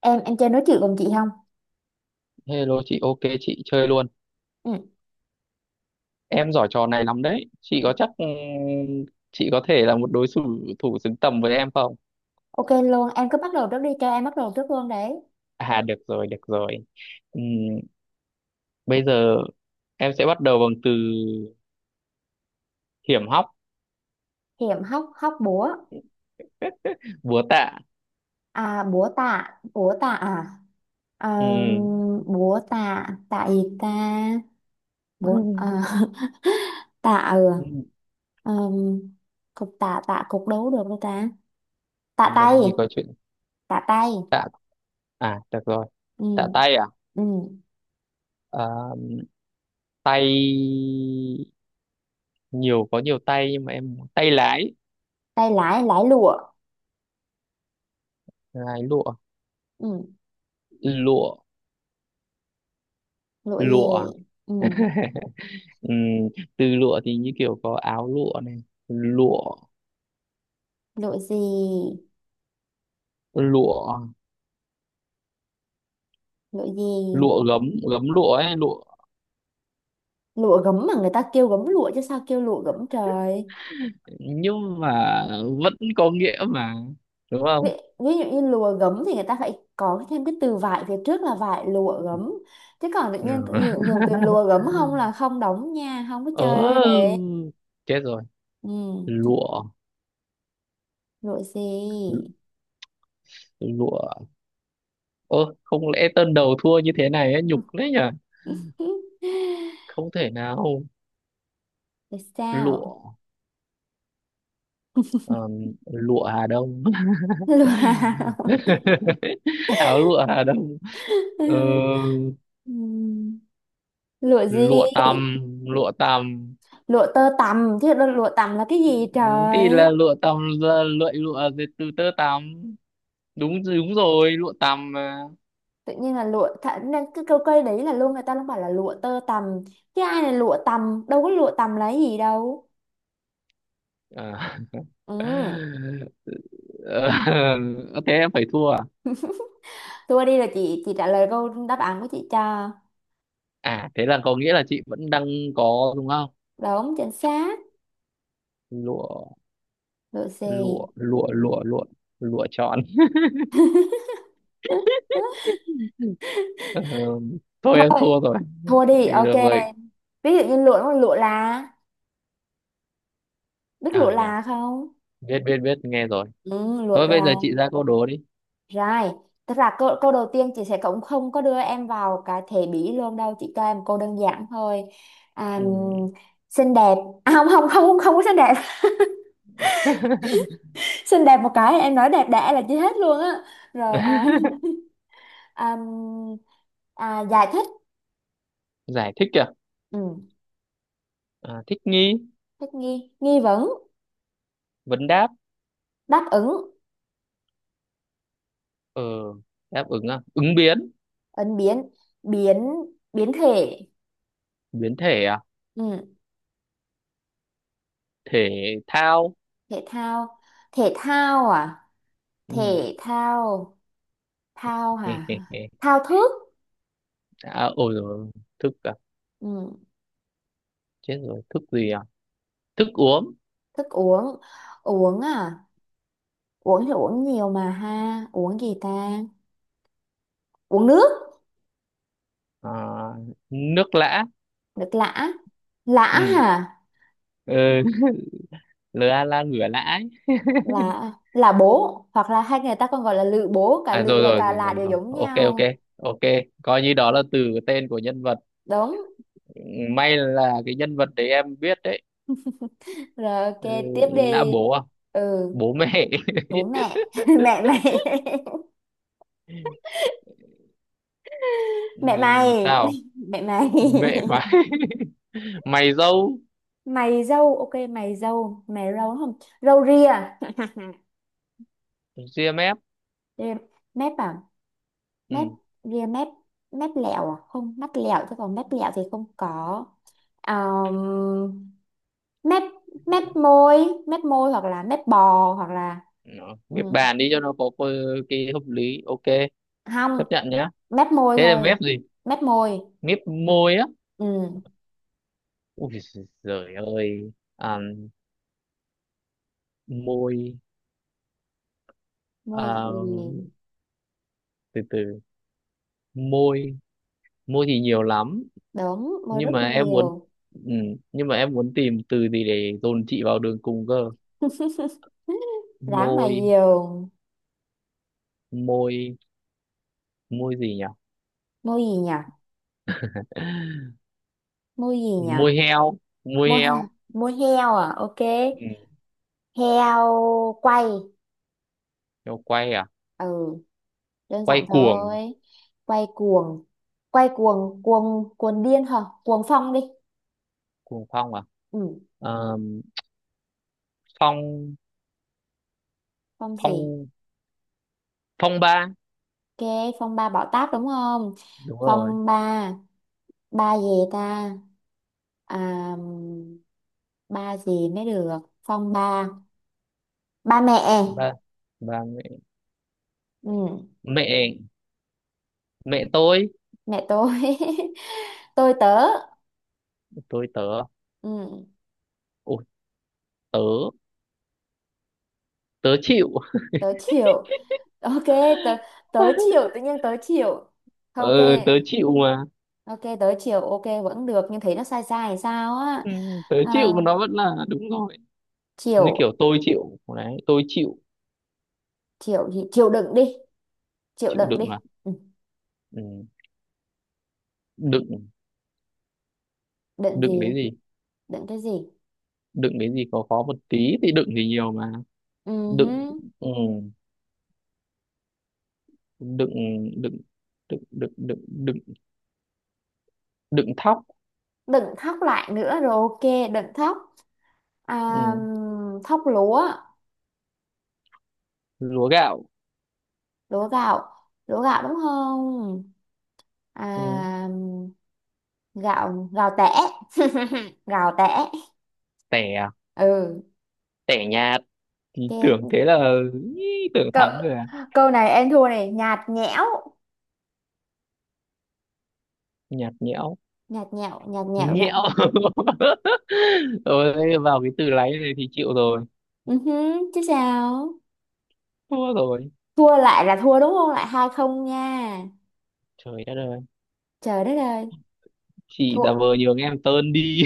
Em chơi nói chuyện cùng chị không? Hello chị, ok chị chơi luôn. Ừ. Em giỏi trò này lắm đấy. Chị có chắc chị có thể là một đối thủ thủ xứng tầm với em không? Ok luôn, em cứ bắt đầu trước đi, cho em bắt đầu trước luôn đấy. À được rồi, được rồi. Ừm, bây giờ em sẽ bắt đầu bằng từ hiểm hóc, Hiểm hóc. Hóc búa. búa tạ. À, búa tạ. Búa tạ à? Ờ, Ừm, búa tạ. Tạ gì ta? Búa à, ừm, tạ. Ừ. Ờm, Cục tạ. Tạ cục đấu được đâu ta. Tạ tay. làm gì có chuyện Tạ tay. tạ à được rồi, Ừ. tạ tay à? Ừ. Ờ, tay nhiều có nhiều tay nhưng mà em tay lái, Tay lái. Lái lụa. lái lụa, Ừ. lụa, Lụa gì? lụa. Ừ. Ừm, từ lụa thì như kiểu có áo lụa này lụa Lụa gì? lụa Lụa gì? lụa gấm gấm lụa ấy lụa Lụa gấm mà người ta kêu gấm lụa, chứ sao kêu lụa gấm trời? nhưng mà vẫn có nghĩa mà đúng ví, không ví dụ như lụa gấm thì người ta phải có thêm cái từ vải phía trước, là vải lụa gấm. Chứ còn tự nhiên ừ. cũng nhiều từ lụa gấm không là không đóng nha, không có ờ chơi đấy. chết rồi Ừ. lụa Lụa gì? lụa ơ không lẽ tân đầu thua như thế này ấy, nhục đấy nhở không thể nào Rồi sao? lụa ờm, lụa Hà Đông. Lụa. Áo lụa Hà Đông. Ờ, Ừm, lụa gì? lụa tằm lụa tằm Lụa tơ tằm chứ lụa tằm là cái gì thì là trời? lụa tằm là lụa lụa dệt từ tơ tằm đúng đúng rồi lụa tằm mà Tự nhiên là lụa thà, nên cái câu cây đấy là luôn người ta luôn bảo là lụa tơ tằm, chứ ai là lụa tằm, đâu có lụa tằm là cái gì đâu. à. Ừ. Ờ, thế em phải thua à Thua đi là chị trả lời câu đáp án của chị cho. à thế là có nghĩa là chị vẫn đang có đúng không Đúng chính xác. lụa Lụa gì? lụa lụa lụa lụa lụa chọn. Ờ, thôi em Thôi thua rồi thua đi, thì ok. được rồi Ví dụ như lụa nó là lụa là. Biết lụa à nhỉ là không? biết biết biết nghe rồi Ừ, lụa thôi bây giờ là. chị ra câu đố đi Rồi, tức là câu đầu tiên chị sẽ cũng không có đưa em vào cái thể bỉ luôn đâu, chị cho em câu đơn giản thôi. À, ừ. xinh đẹp. À, không không không, không có xinh đẹp, xinh đẹp một cái em nói đẹp đẽ là chưa hết luôn á. Rồi, ờ, à, à, giải thích. Giải thích kìa Ừ, à, thích nghi thích nghi. Nghi vấn. vấn đáp Đáp ứng. ờ đáp ứng à ứng biến Ứng biến. Biến. Biến thể. biến thể à Ừ, thể thao thể thao. Thể thao à? ừ. Thể thao. Thao hả? Thao thức. À, ôi rồi thức à Ừ, chết rồi thức gì à thức uống thức uống. Uống à? Uống thì uống nhiều mà ha, uống gì ta? Uống nước. à, nước lã. Nước lã. Lã Ừ. hả? Ừ. Lừa la ngửa lã ấy. Là bố, hoặc là hay người ta còn gọi là lự bố, cả À lự rồi và rồi cả rồi là rồi đều rồi giống ok ok nhau. ok coi như đó là từ tên của nhân vật. Đúng Ừ, may là cái nhân vật đấy em biết đấy. rồi, ok, Ừ, tiếp lã đi. bố à Ừ. bố mẹ. Bố mẹ. Mẹ mày. Ừ, Mẹ mày. sao Mẹ mày. mẹ mà mày dâu Mày dâu. Ok, mày dâu, mày râu đúng không? Râu ria. GMF Ria- Mép à? Mép. ừ. Ria mép. Mép lẹo à? Không, mắt lẹo chứ còn mép lẹo thì không có. um, Mép. Mép môi. Mép môi, hoặc là mép bò hoặc là. Nó Ừ, ghép bàn đi cho nó có cái hợp lý ok không, chấp nhận nhá mép môi thế là thôi. ghép gì Mép môi. ghép môi á Ừ. ui giời ơi à, môi Môi à, gì? từ từ môi môi thì nhiều lắm Đúng, môi nhưng rất mà em muốn nhiều. ừ, nhưng mà em muốn tìm từ gì để dồn chị vào đường cùng cơ Dáng mà môi nhiều. môi môi gì nhỉ. Môi gì nhỉ? Môi gì nhỉ? Môi heo môi Môi heo môi heo à? Ok. ừ. Heo quay. Heo quay à Ừ, đơn quay giản cuồng thôi. Quay cuồng. Quay cuồng. Cuồng. Cuồng điên hả? Cuồng phong đi. cuồng phong à. Ừ. Ờ, phong Phong gì? phong phong ba Ok, phong ba bảo táp đúng không? đúng rồi Phong ba. Ba gì ta? À, ba gì mới được? Phong ba. Ba mẹ. ba ba mẹ Ừ, mẹ mẹ mẹ tôi. Tôi tớ. tôi tớ Ừ, ủa tớ tớ chịu. tớ chịu. Ok, tớ. Tớ chịu, tự nhiên tớ chịu. Ok. Ừ tớ chịu mà Ok tớ chịu, ok vẫn được nhưng thấy nó sai sai hay sao á. ừ, tớ chịu À, mà nó vẫn là đúng rồi như chịu. kiểu tôi chịu đấy tôi chịu Chịu gì? Chịu đựng đi. Chịu chịu đựng đựng đi. à Ừ, ừ. Đựng đựng đựng cái gì? gì Đựng cái gì? đựng cái gì có khó một tí thì đựng thì nhiều mà Ừ, hứ. đựng ừ. đựng đựng đựng đựng đựng đựng đựng thóc Đừng khóc lại nữa rồi, ok. Đừng khóc. À, ừ. thóc lúa. Lúa gạo Lúa gạo. Lúa gạo đúng không? À, ừ. gạo. Gạo tẻ. Gạo tẻ. Tẻ à? Ừ, Tẻ nhà thì tưởng ok. thế là ý, tưởng Cậu, thắng rồi à câu này em thua này, nhạt nhẽo. nhạt nhẽo Nhạt nhẽo. Nhạt nhẽo nhẽo. gạo. Rồi vào cái từ láy này thì chịu rồi Ừ hứ, chứ sao? thua rồi Thua lại là thua đúng không? Lại 2-0 nha. trời đất ơi Trời đất ơi, chị thua. giả vờ nhường em tơn đi.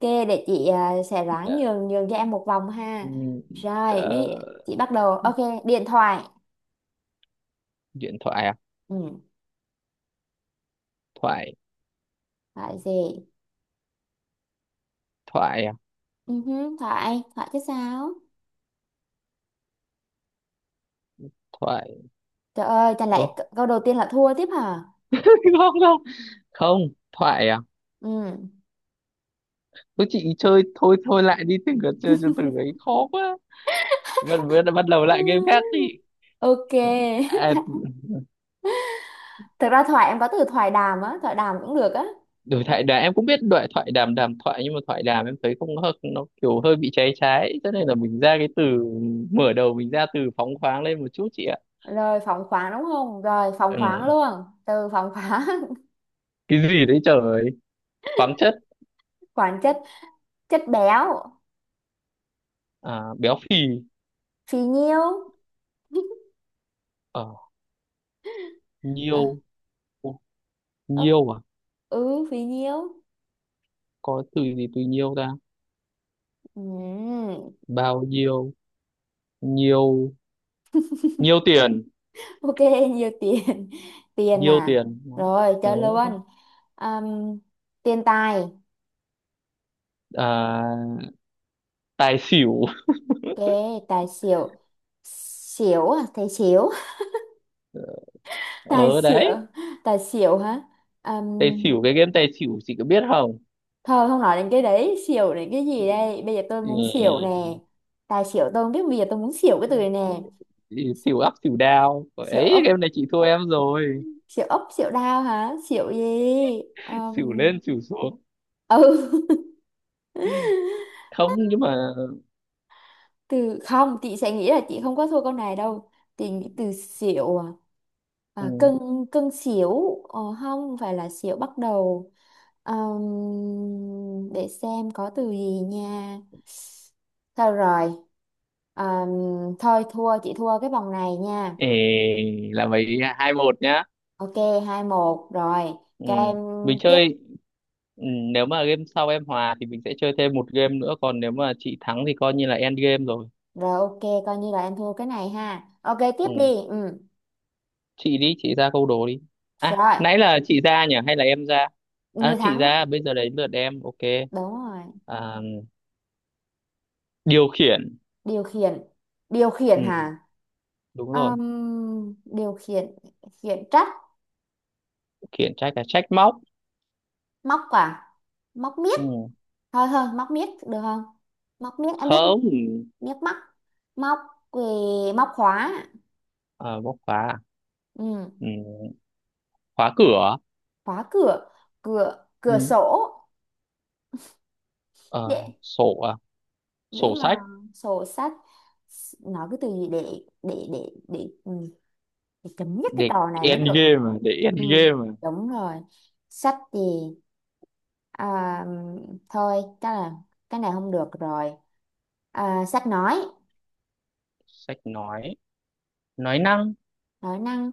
Ok, để chị, à, sẽ ráng nhường nhường cho em một vòng ha. Ừ, Rồi, ờ, chị bắt đầu. Ok, điện thoại. điện thoại à Ừ, thoại phải gì? thoại à Ừ, hứ, Thoại, Thoại chứ sao? thoại. Trời ơi, chẳng lẽ Ồ, câu đầu tiên là thua tiếp hả? không không không thoại à Ừ. cứ chị chơi thôi thôi lại đi từng cái chơi cho từ ấy khó quá bắt bắt bắt đầu lại game khác đi Ok. à, Thực ra Thoại em có từ thoại đàm á, thoại đàm cũng được á. đối thoại đàm em cũng biết đối thoại đàm đàm thoại nhưng mà thoại đàm em thấy không hợp nó kiểu hơi bị cháy trái cho nên là mình ra cái từ mở đầu mình ra từ phóng khoáng lên một chút chị ạ Rồi phóng khoáng đúng không? Rồi phóng khoáng ừ. luôn. Từ phóng khoáng, Cái gì đấy trời khoáng chất khoáng chất, chất béo, à, béo phì phì nhiêu. ờ À, nhiêu. Ô, ơ, nhiêu à ừ, phì nhiêu. có từ gì từ nhiêu ta Ừ. bao nhiêu nhiêu nhiêu tiền Ok, nhiều tiền. Tiền nhiêu à. tiền. Đó. Rồi, chơi Đó. luôn. Ừm, tiền tài. À, tài xỉu Cái tài xỉu. Xỉu à? Thầy xỉu. Tài ở xỉu. đấy Tài xỉu hả? tài Ừm, xỉu cái game tài xỉu chị có biết không thôi không nói đến cái đấy, xỉu đến cái gì đây, bây giờ tôi muốn xỉu nè. ừ. Tài xỉu tôi không biết, bây giờ tôi muốn xỉu cái từ này nè. Chị xỉu up xỉu down Xỉu ấy game ốc. này chị thua em rồi Xỉu ốc, xỉu đao hả? Xỉu gì? xỉu Ừm, lên xỉu xuống ừ, không nhưng mà từ không chị sẽ nghĩ là chị không có thua câu này đâu. Chị nghĩ từ xỉu, à, à, ừ. cân. Cân xỉu, không phải là xỉu bắt đầu. Ờm, để xem có từ gì nha. Thôi rồi. Ờm, Thôi thua, chị thua cái vòng này nha. Ê, là mấy hai một nhá Ok, 2-1 rồi. ừ. Cho em Mình tiếp. chơi ừ. Nếu mà game sau em hòa thì mình sẽ chơi thêm một game nữa còn nếu mà chị thắng thì coi như là end game rồi Rồi, ok, coi như là em thua cái này ha, ok tiếp ừ. đi. Ừ. Chị đi chị ra câu đố đi à Rồi, nãy là chị ra nhỉ hay là em ra người à chị thắng. ra bây giờ đến lượt em ok Đúng rồi. à, điều khiển Điều khiển. Điều ừ. khiển hả? Đúng rồi Điều khiển. Khiển trách. khiển trách là trách móc Móc quả. Móc miếc. ừ. Thôi thôi, móc miếc được không? Móc miếc em biết Không. mà. Miếc móc. Móc. Về. Móc khóa. Ờ, bóc khóa à? Ừm, Ừ, khóa cửa khóa cửa. Cửa. Cửa ừ. sổ. Ờ, Dễ. sổ à? Dễ Sổ mà. sách Sổ sách. Nói cái từ gì để ừ, thì chấm dứt cái để trò này mới end được. game à? Ừ, đúng rồi. Sách gì? À, thôi chắc là cái này không được rồi. À, sách nói. Sách nói năng Nói năng.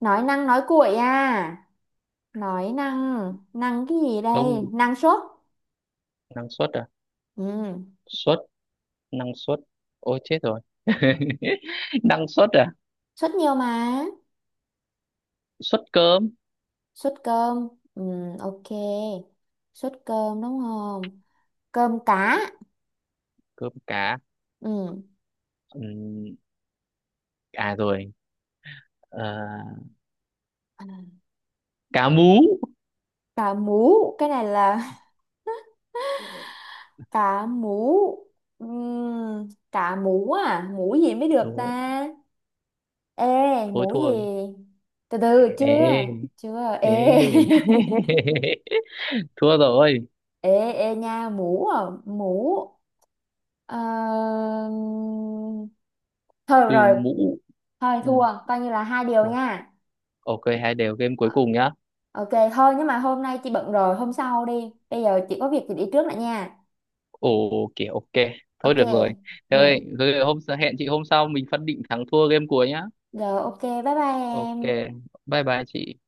Nói năng, nói cuội à? Nói năng. Năng cái gì không đây? Năng suất. năng suất à Ừ. suất năng suất ôi chết rồi năng suất à Suất nhiều mà. suất cơm Suất cơm. Ừ, ok, suất cơm đúng không? Cơm cá. cơm cá. Ừ. Ừm, à rồi. Ờ, cá mú Cá mú. Cái này là cá mú. Cá mú à? Mú gì mới được đúng rồi. ta? Ê, Thôi mú thua gì? rồi. Từ từ Ê, chưa. Chưa. Ê. ê. Thua rồi Ê. Ê nha, mú. À, mú. Ờ, thôi được từ rồi. mũ Thôi ừ, thua. Coi như là hai điều thua nha. ok hai đều game cuối Ờ, cùng nhá. ok thôi, nhưng mà hôm nay chị bận rồi. Hôm sau đi. Bây giờ chị có việc thì đi trước lại nha. Ồ kìa ok. Thôi Ok. được rồi. Thế ơi, Ừ. rồi hôm hẹn chị hôm sau mình phân định thắng thua game cuối nhá. Rồi, ok, bye bye Ok em. bye bye chị.